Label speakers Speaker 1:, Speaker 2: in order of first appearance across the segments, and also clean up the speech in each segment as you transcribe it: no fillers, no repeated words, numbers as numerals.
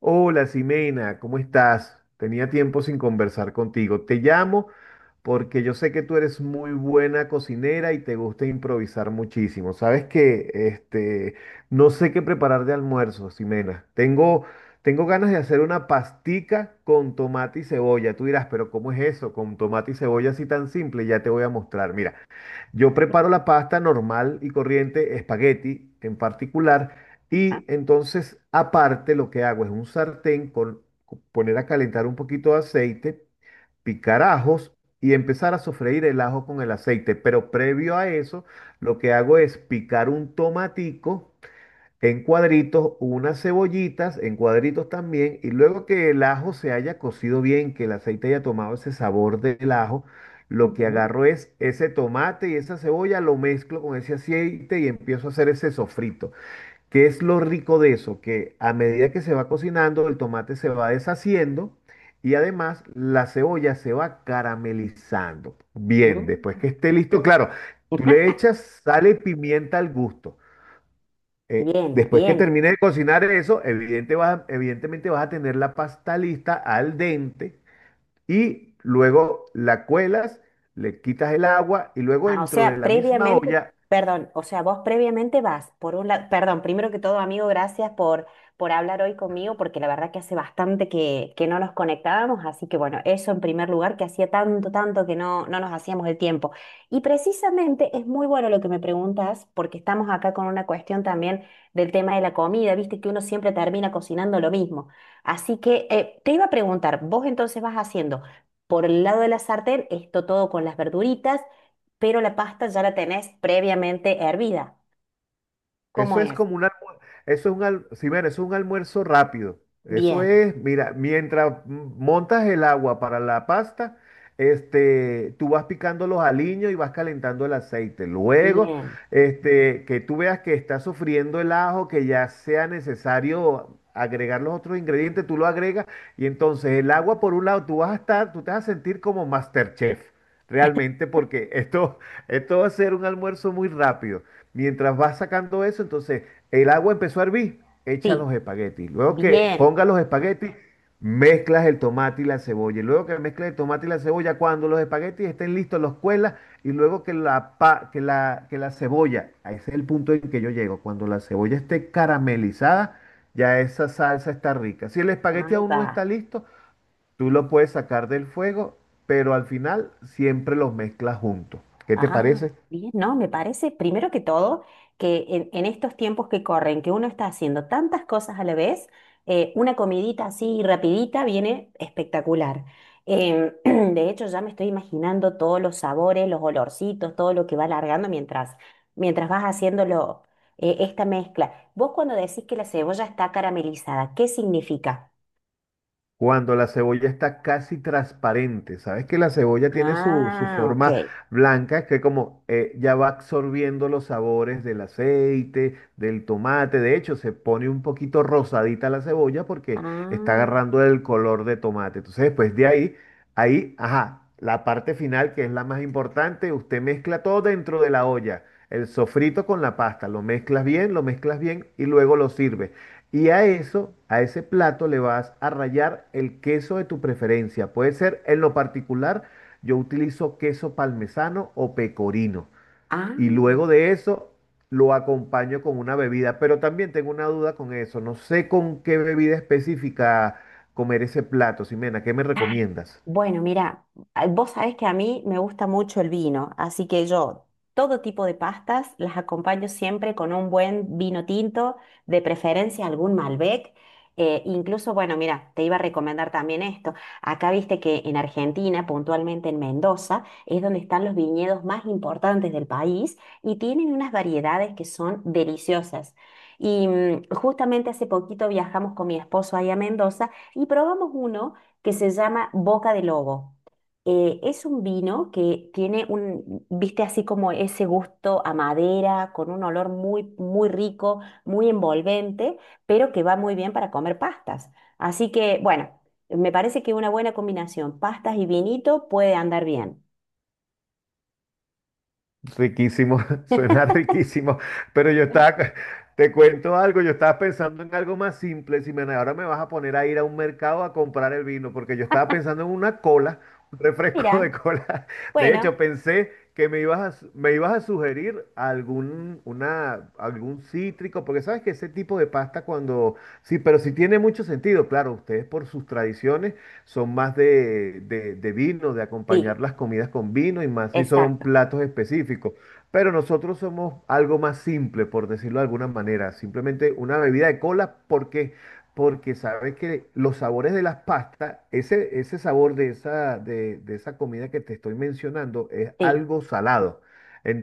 Speaker 1: Hola, Ximena, ¿cómo estás? Tenía tiempo sin conversar contigo. Te llamo porque yo sé que tú eres muy buena cocinera y te gusta improvisar muchísimo. Sabes que no sé qué preparar de almuerzo, Ximena. Tengo ganas de hacer una pastica con tomate y cebolla. Tú dirás, pero ¿cómo es eso? Con tomate y cebolla así tan simple, ya te voy a mostrar. Mira. Yo preparo la pasta normal y corriente, espagueti en particular,
Speaker 2: Ah,
Speaker 1: y entonces aparte lo que hago es un sartén con poner a calentar un poquito de aceite, picar ajos y empezar a sofreír el ajo con el aceite. Pero previo a eso, lo que hago es picar un tomatico en cuadritos, unas cebollitas en cuadritos también, y luego que el ajo se haya cocido bien, que el aceite haya tomado ese sabor del ajo, lo que
Speaker 2: ujú,
Speaker 1: agarro es ese tomate y esa cebolla, lo mezclo con ese aceite y empiezo a hacer ese sofrito. ¿Qué es lo rico de eso? Que a medida que se va cocinando, el tomate se va deshaciendo. Y además la cebolla se va caramelizando. Bien, después
Speaker 2: mm.
Speaker 1: que esté listo, claro, tú le echas sal y pimienta al gusto.
Speaker 2: Bien,
Speaker 1: Después que
Speaker 2: bien.
Speaker 1: termines de cocinar eso, evidentemente vas a tener la pasta lista al dente y luego la cuelas, le quitas el agua y luego
Speaker 2: Ah, o
Speaker 1: dentro de
Speaker 2: sea,
Speaker 1: la misma
Speaker 2: previamente,
Speaker 1: olla.
Speaker 2: perdón, o sea, vos previamente vas, por un lado, perdón, primero que todo, amigo, gracias por hablar hoy conmigo, porque la verdad que hace bastante que no nos conectábamos, así que bueno, eso en primer lugar, que hacía tanto, tanto que no, no nos hacíamos el tiempo. Y precisamente es muy bueno lo que me preguntas, porque estamos acá con una cuestión también del tema de la comida, viste que uno siempre termina cocinando lo mismo. Así que te iba a preguntar, vos entonces vas haciendo... Por el lado de la sartén, esto todo con las verduritas, pero la pasta ya la tenés previamente hervida. ¿Cómo
Speaker 1: Eso es
Speaker 2: es?
Speaker 1: como un almuerzo, eso es sí, bueno, eso es un almuerzo rápido. Eso
Speaker 2: Bien,
Speaker 1: es, mira, mientras montas el agua para la pasta, tú vas picando los aliños y vas calentando el aceite. Luego,
Speaker 2: bien,
Speaker 1: que tú veas que está sufriendo el ajo, que ya sea necesario agregar los otros ingredientes, tú lo agregas y entonces el agua por un lado, tú vas a estar, tú te vas a sentir como MasterChef, realmente, porque esto, esto va a ser un almuerzo muy rápido. Mientras vas sacando eso, entonces el agua empezó a hervir, echa
Speaker 2: sí,
Speaker 1: los espaguetis. Luego que
Speaker 2: bien.
Speaker 1: ponga los espaguetis, mezclas el tomate y la cebolla. Y luego que mezclas el tomate y la cebolla, cuando los espaguetis estén listos, los cuelas. Y luego que la, pa- que la cebolla, a ese es el punto en que yo llego, cuando la cebolla esté caramelizada, ya esa salsa está rica. Si el espagueti
Speaker 2: Ahí
Speaker 1: aún no
Speaker 2: va.
Speaker 1: está listo, tú lo puedes sacar del fuego, pero al final siempre los mezclas juntos. ¿Qué te
Speaker 2: Ah,
Speaker 1: parece?
Speaker 2: bien, no, me parece primero que todo que en estos tiempos que corren, que uno está haciendo tantas cosas a la vez, una comidita así rapidita viene espectacular. Em, de hecho, ya me estoy imaginando todos los sabores, los olorcitos, todo lo que va largando mientras, mientras vas haciéndolo, esta mezcla. Vos cuando decís que la cebolla está caramelizada, ¿qué significa?
Speaker 1: Cuando la cebolla está casi transparente, sabes que la cebolla tiene su
Speaker 2: Ah, ok.
Speaker 1: forma blanca, que como ya va absorbiendo los sabores del aceite, del tomate, de hecho se pone un poquito rosadita la cebolla porque está
Speaker 2: Ah,
Speaker 1: agarrando el color de tomate. Entonces después de ahí, ahí, ajá, la parte final que es la más importante, usted mezcla todo dentro de la olla, el sofrito con la pasta, lo mezclas bien y luego lo sirve. Y a eso, a ese plato, le vas a rallar el queso de tu preferencia. Puede ser, en lo particular, yo utilizo queso parmesano o pecorino. Y
Speaker 2: ah.
Speaker 1: luego de eso, lo acompaño con una bebida. Pero también tengo una duda con eso. No sé con qué bebida específica comer ese plato. Simena, ¿qué me recomiendas?
Speaker 2: Bueno, mira, vos sabés que a mí me gusta mucho el vino, así que yo todo tipo de pastas las acompaño siempre con un buen vino tinto, de preferencia algún Malbec. Incluso, bueno, mira, te iba a recomendar también esto. Acá viste que en Argentina, puntualmente en Mendoza, es donde están los viñedos más importantes del país y tienen unas variedades que son deliciosas. Y justamente hace poquito viajamos con mi esposo ahí a Mendoza y probamos uno que se llama Boca de Lobo. Es un vino que tiene un, viste, así como ese gusto a madera, con un olor muy, muy rico, muy envolvente, pero que va muy bien para comer pastas. Así que, bueno, me parece que una buena combinación, pastas y vinito, puede andar bien.
Speaker 1: Riquísimo, suena riquísimo, pero yo estaba, te cuento algo, yo estaba pensando en algo más simple, si me, ahora me vas a poner a ir a un mercado a comprar el vino, porque yo estaba pensando en una cola, un refresco de
Speaker 2: Mira,
Speaker 1: cola. De
Speaker 2: bueno,
Speaker 1: hecho, pensé que me ibas a me ibas a sugerir algún cítrico, porque sabes que ese tipo de pasta cuando, sí, pero sí tiene mucho sentido, claro, ustedes por sus tradiciones son más de vino, de
Speaker 2: sí,
Speaker 1: acompañar las comidas con vino y más si son
Speaker 2: exacto,
Speaker 1: platos específicos. Pero nosotros somos algo más simple, por decirlo de alguna manera, simplemente una bebida de cola porque... Porque sabes que los sabores de las pastas, ese sabor de esa comida que te estoy mencionando es
Speaker 2: sí.
Speaker 1: algo salado.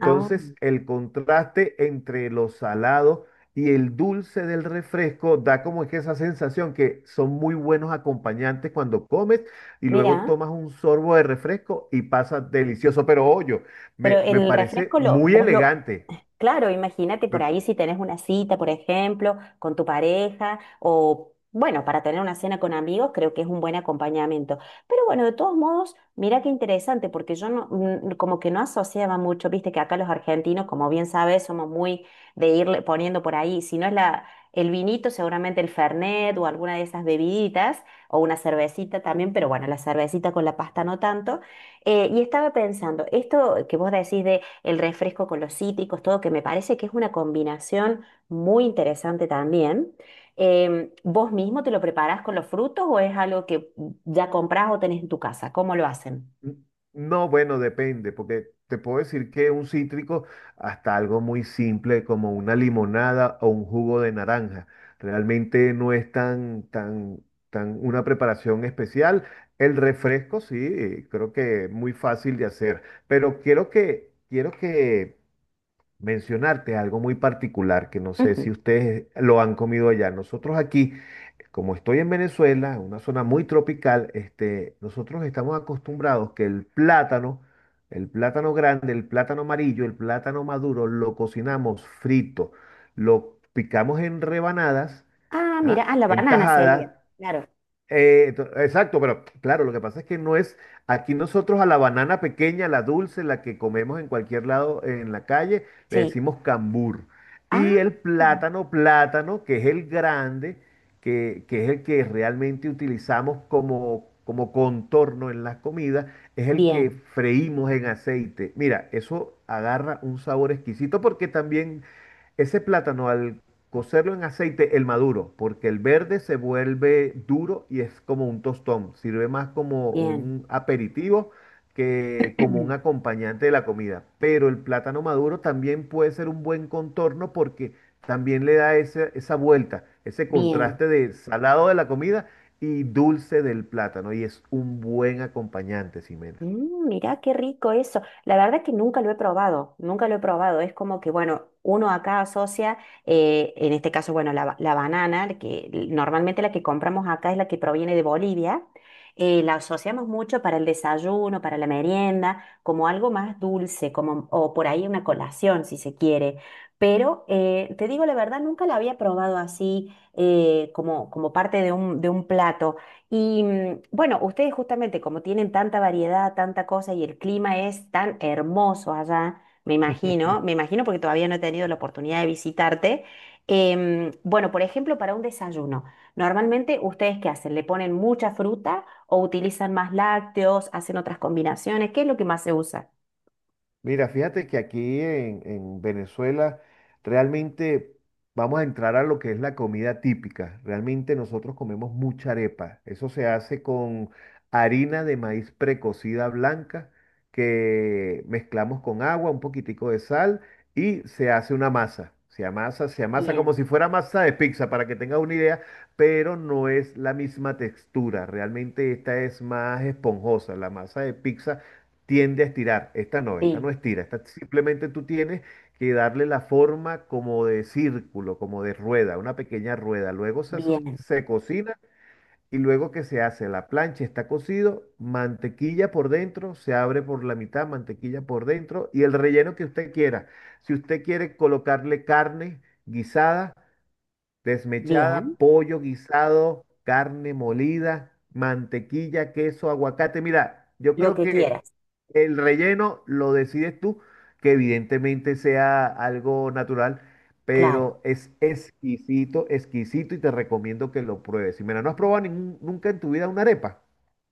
Speaker 2: Ah,
Speaker 1: el contraste entre lo salado y el dulce del refresco da como que esa sensación que son muy buenos acompañantes cuando comes y luego
Speaker 2: mira,
Speaker 1: tomas un sorbo de refresco y pasa delicioso. Pero oye,
Speaker 2: pero
Speaker 1: me
Speaker 2: el
Speaker 1: parece
Speaker 2: refresco lo,
Speaker 1: muy
Speaker 2: vos lo...
Speaker 1: elegante.
Speaker 2: Claro, imagínate por ahí si tenés una cita, por ejemplo, con tu pareja o, bueno, para tener una cena con amigos, creo que es un buen acompañamiento. Pero bueno, de todos modos, mira qué interesante, porque yo no, como que no asociaba mucho, viste que acá los argentinos, como bien sabes, somos muy de irle poniendo por ahí, si no es el vinito, seguramente el Fernet o alguna de esas bebiditas o una cervecita también, pero bueno, la cervecita con la pasta no tanto. Y estaba pensando, esto que vos decís de el refresco con los cítricos, todo, que me parece que es una combinación muy interesante también. ¿Vos mismo te lo preparás con los frutos o es algo que ya comprás o tenés en tu casa? ¿Cómo lo hacen?
Speaker 1: N- No, bueno, depende, porque te puedo decir que un cítrico, hasta algo muy simple como una limonada o un jugo de naranja, realmente no es tan una preparación especial. El refresco, sí, creo que es muy fácil de hacer, pero quiero que mencionarte algo muy particular que no sé si
Speaker 2: Ujú.
Speaker 1: ustedes lo han comido allá. Nosotros aquí como estoy en Venezuela, una zona muy tropical, nosotros estamos acostumbrados que el plátano grande, el plátano amarillo, el plátano maduro, lo cocinamos frito, lo picamos en rebanadas,
Speaker 2: Ah, mira,
Speaker 1: ¿ah?
Speaker 2: ah, la
Speaker 1: En
Speaker 2: banana sería,
Speaker 1: tajadas,
Speaker 2: claro,
Speaker 1: exacto, pero claro, lo que pasa es que no es, aquí nosotros a la banana pequeña, la dulce, la que comemos en cualquier lado, en la calle, le
Speaker 2: sí.
Speaker 1: decimos cambur.
Speaker 2: Ah,
Speaker 1: Y el plátano, plátano, que es el grande, que es el que realmente utilizamos como, como contorno en las comidas, es el que
Speaker 2: bien,
Speaker 1: freímos en aceite. Mira, eso agarra un sabor exquisito porque también ese plátano al cocerlo en aceite, el maduro, porque el verde se vuelve duro y es como un tostón, sirve más como
Speaker 2: bien,
Speaker 1: un aperitivo que como un acompañante de la comida. Pero el plátano maduro también puede ser un buen contorno porque también le da esa vuelta, ese
Speaker 2: bien.
Speaker 1: contraste de salado de la comida y dulce del plátano y es un buen acompañante, Ximena.
Speaker 2: Mirá qué rico eso. La verdad que nunca lo he probado, nunca lo he probado. Es como que, bueno, uno acá asocia, en este caso, bueno, la banana, la que normalmente la que compramos acá es la que proviene de Bolivia, la asociamos mucho para el desayuno, para la merienda, como algo más dulce, como, o por ahí una colación, si se quiere. Pero te digo la verdad, nunca la había probado así, como parte de un plato. Y bueno, ustedes justamente como tienen tanta variedad, tanta cosa y el clima es tan hermoso allá, me imagino porque todavía no he tenido la oportunidad de visitarte. Bueno, por ejemplo, para un desayuno, ¿normalmente ustedes qué hacen? ¿Le ponen mucha fruta o utilizan más lácteos, hacen otras combinaciones? ¿Qué es lo que más se usa?
Speaker 1: Mira, fíjate que aquí en Venezuela realmente vamos a entrar a lo que es la comida típica. Realmente nosotros comemos mucha arepa. Eso se hace con harina de maíz precocida blanca que mezclamos con agua, un poquitico de sal y se hace una masa. Se amasa como
Speaker 2: Bien,
Speaker 1: si fuera masa de pizza, para que tengas una idea, pero no es la misma textura. Realmente esta es más esponjosa. La masa de pizza tiende a estirar. Esta
Speaker 2: sí,
Speaker 1: no estira. Esta simplemente tú tienes que darle la forma como de círculo, como de rueda, una pequeña rueda. Luego
Speaker 2: bien,
Speaker 1: se cocina y luego que se hace la plancha, está cocido, mantequilla por dentro, se abre por la mitad, mantequilla por dentro y el relleno que usted quiera. Si usted quiere colocarle carne guisada.
Speaker 2: bien,
Speaker 1: Desmechada, pollo guisado, carne molida, mantequilla, queso, aguacate. Mira, yo
Speaker 2: lo
Speaker 1: creo
Speaker 2: que
Speaker 1: que
Speaker 2: quieras,
Speaker 1: el relleno lo decides tú, que evidentemente sea algo natural,
Speaker 2: claro.
Speaker 1: pero es exquisito, exquisito y te recomiendo que lo pruebes. Y mira, ¿no has probado nunca en tu vida una arepa?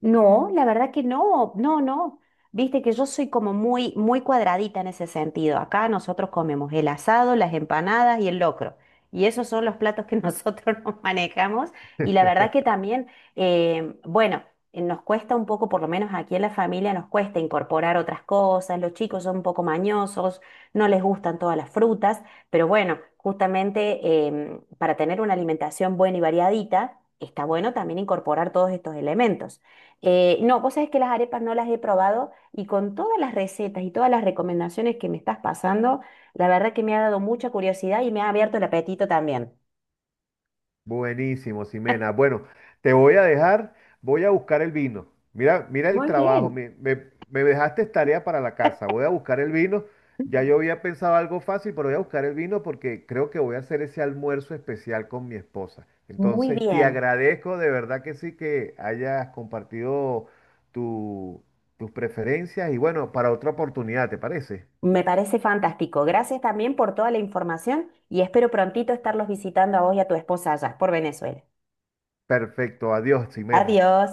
Speaker 2: No, la verdad que no, no, no. Viste que yo soy como muy, muy cuadradita en ese sentido. Acá nosotros comemos el asado, las empanadas y el locro. Y esos son los platos que nosotros nos manejamos. Y la verdad que también, bueno, nos cuesta un poco, por lo menos aquí en la familia, nos cuesta incorporar otras cosas. Los chicos son un poco mañosos, no les gustan todas las frutas. Pero bueno, justamente para tener una alimentación buena y variadita, está bueno también incorporar todos estos elementos. No, vos sabés que las arepas no las he probado y con todas las recetas y todas las recomendaciones que me estás pasando, la verdad que me ha dado mucha curiosidad y me ha abierto el apetito también.
Speaker 1: Buenísimo, Ximena. Bueno, te voy a dejar, voy a buscar el vino. Mira, mira el
Speaker 2: Muy
Speaker 1: trabajo,
Speaker 2: bien.
Speaker 1: me dejaste tarea para la casa. Voy a buscar el vino. Ya yo había pensado algo fácil, pero voy a buscar el vino porque creo que voy a hacer ese almuerzo especial con mi esposa.
Speaker 2: Muy
Speaker 1: Entonces, te
Speaker 2: bien,
Speaker 1: agradezco de verdad que sí que hayas compartido tu- tus preferencias y bueno, para otra oportunidad, ¿te parece?
Speaker 2: me parece fantástico. Gracias también por toda la información y espero prontito estarlos visitando a vos y a tu esposa allá por Venezuela.
Speaker 1: Perfecto, adiós, Ximena.
Speaker 2: Adiós.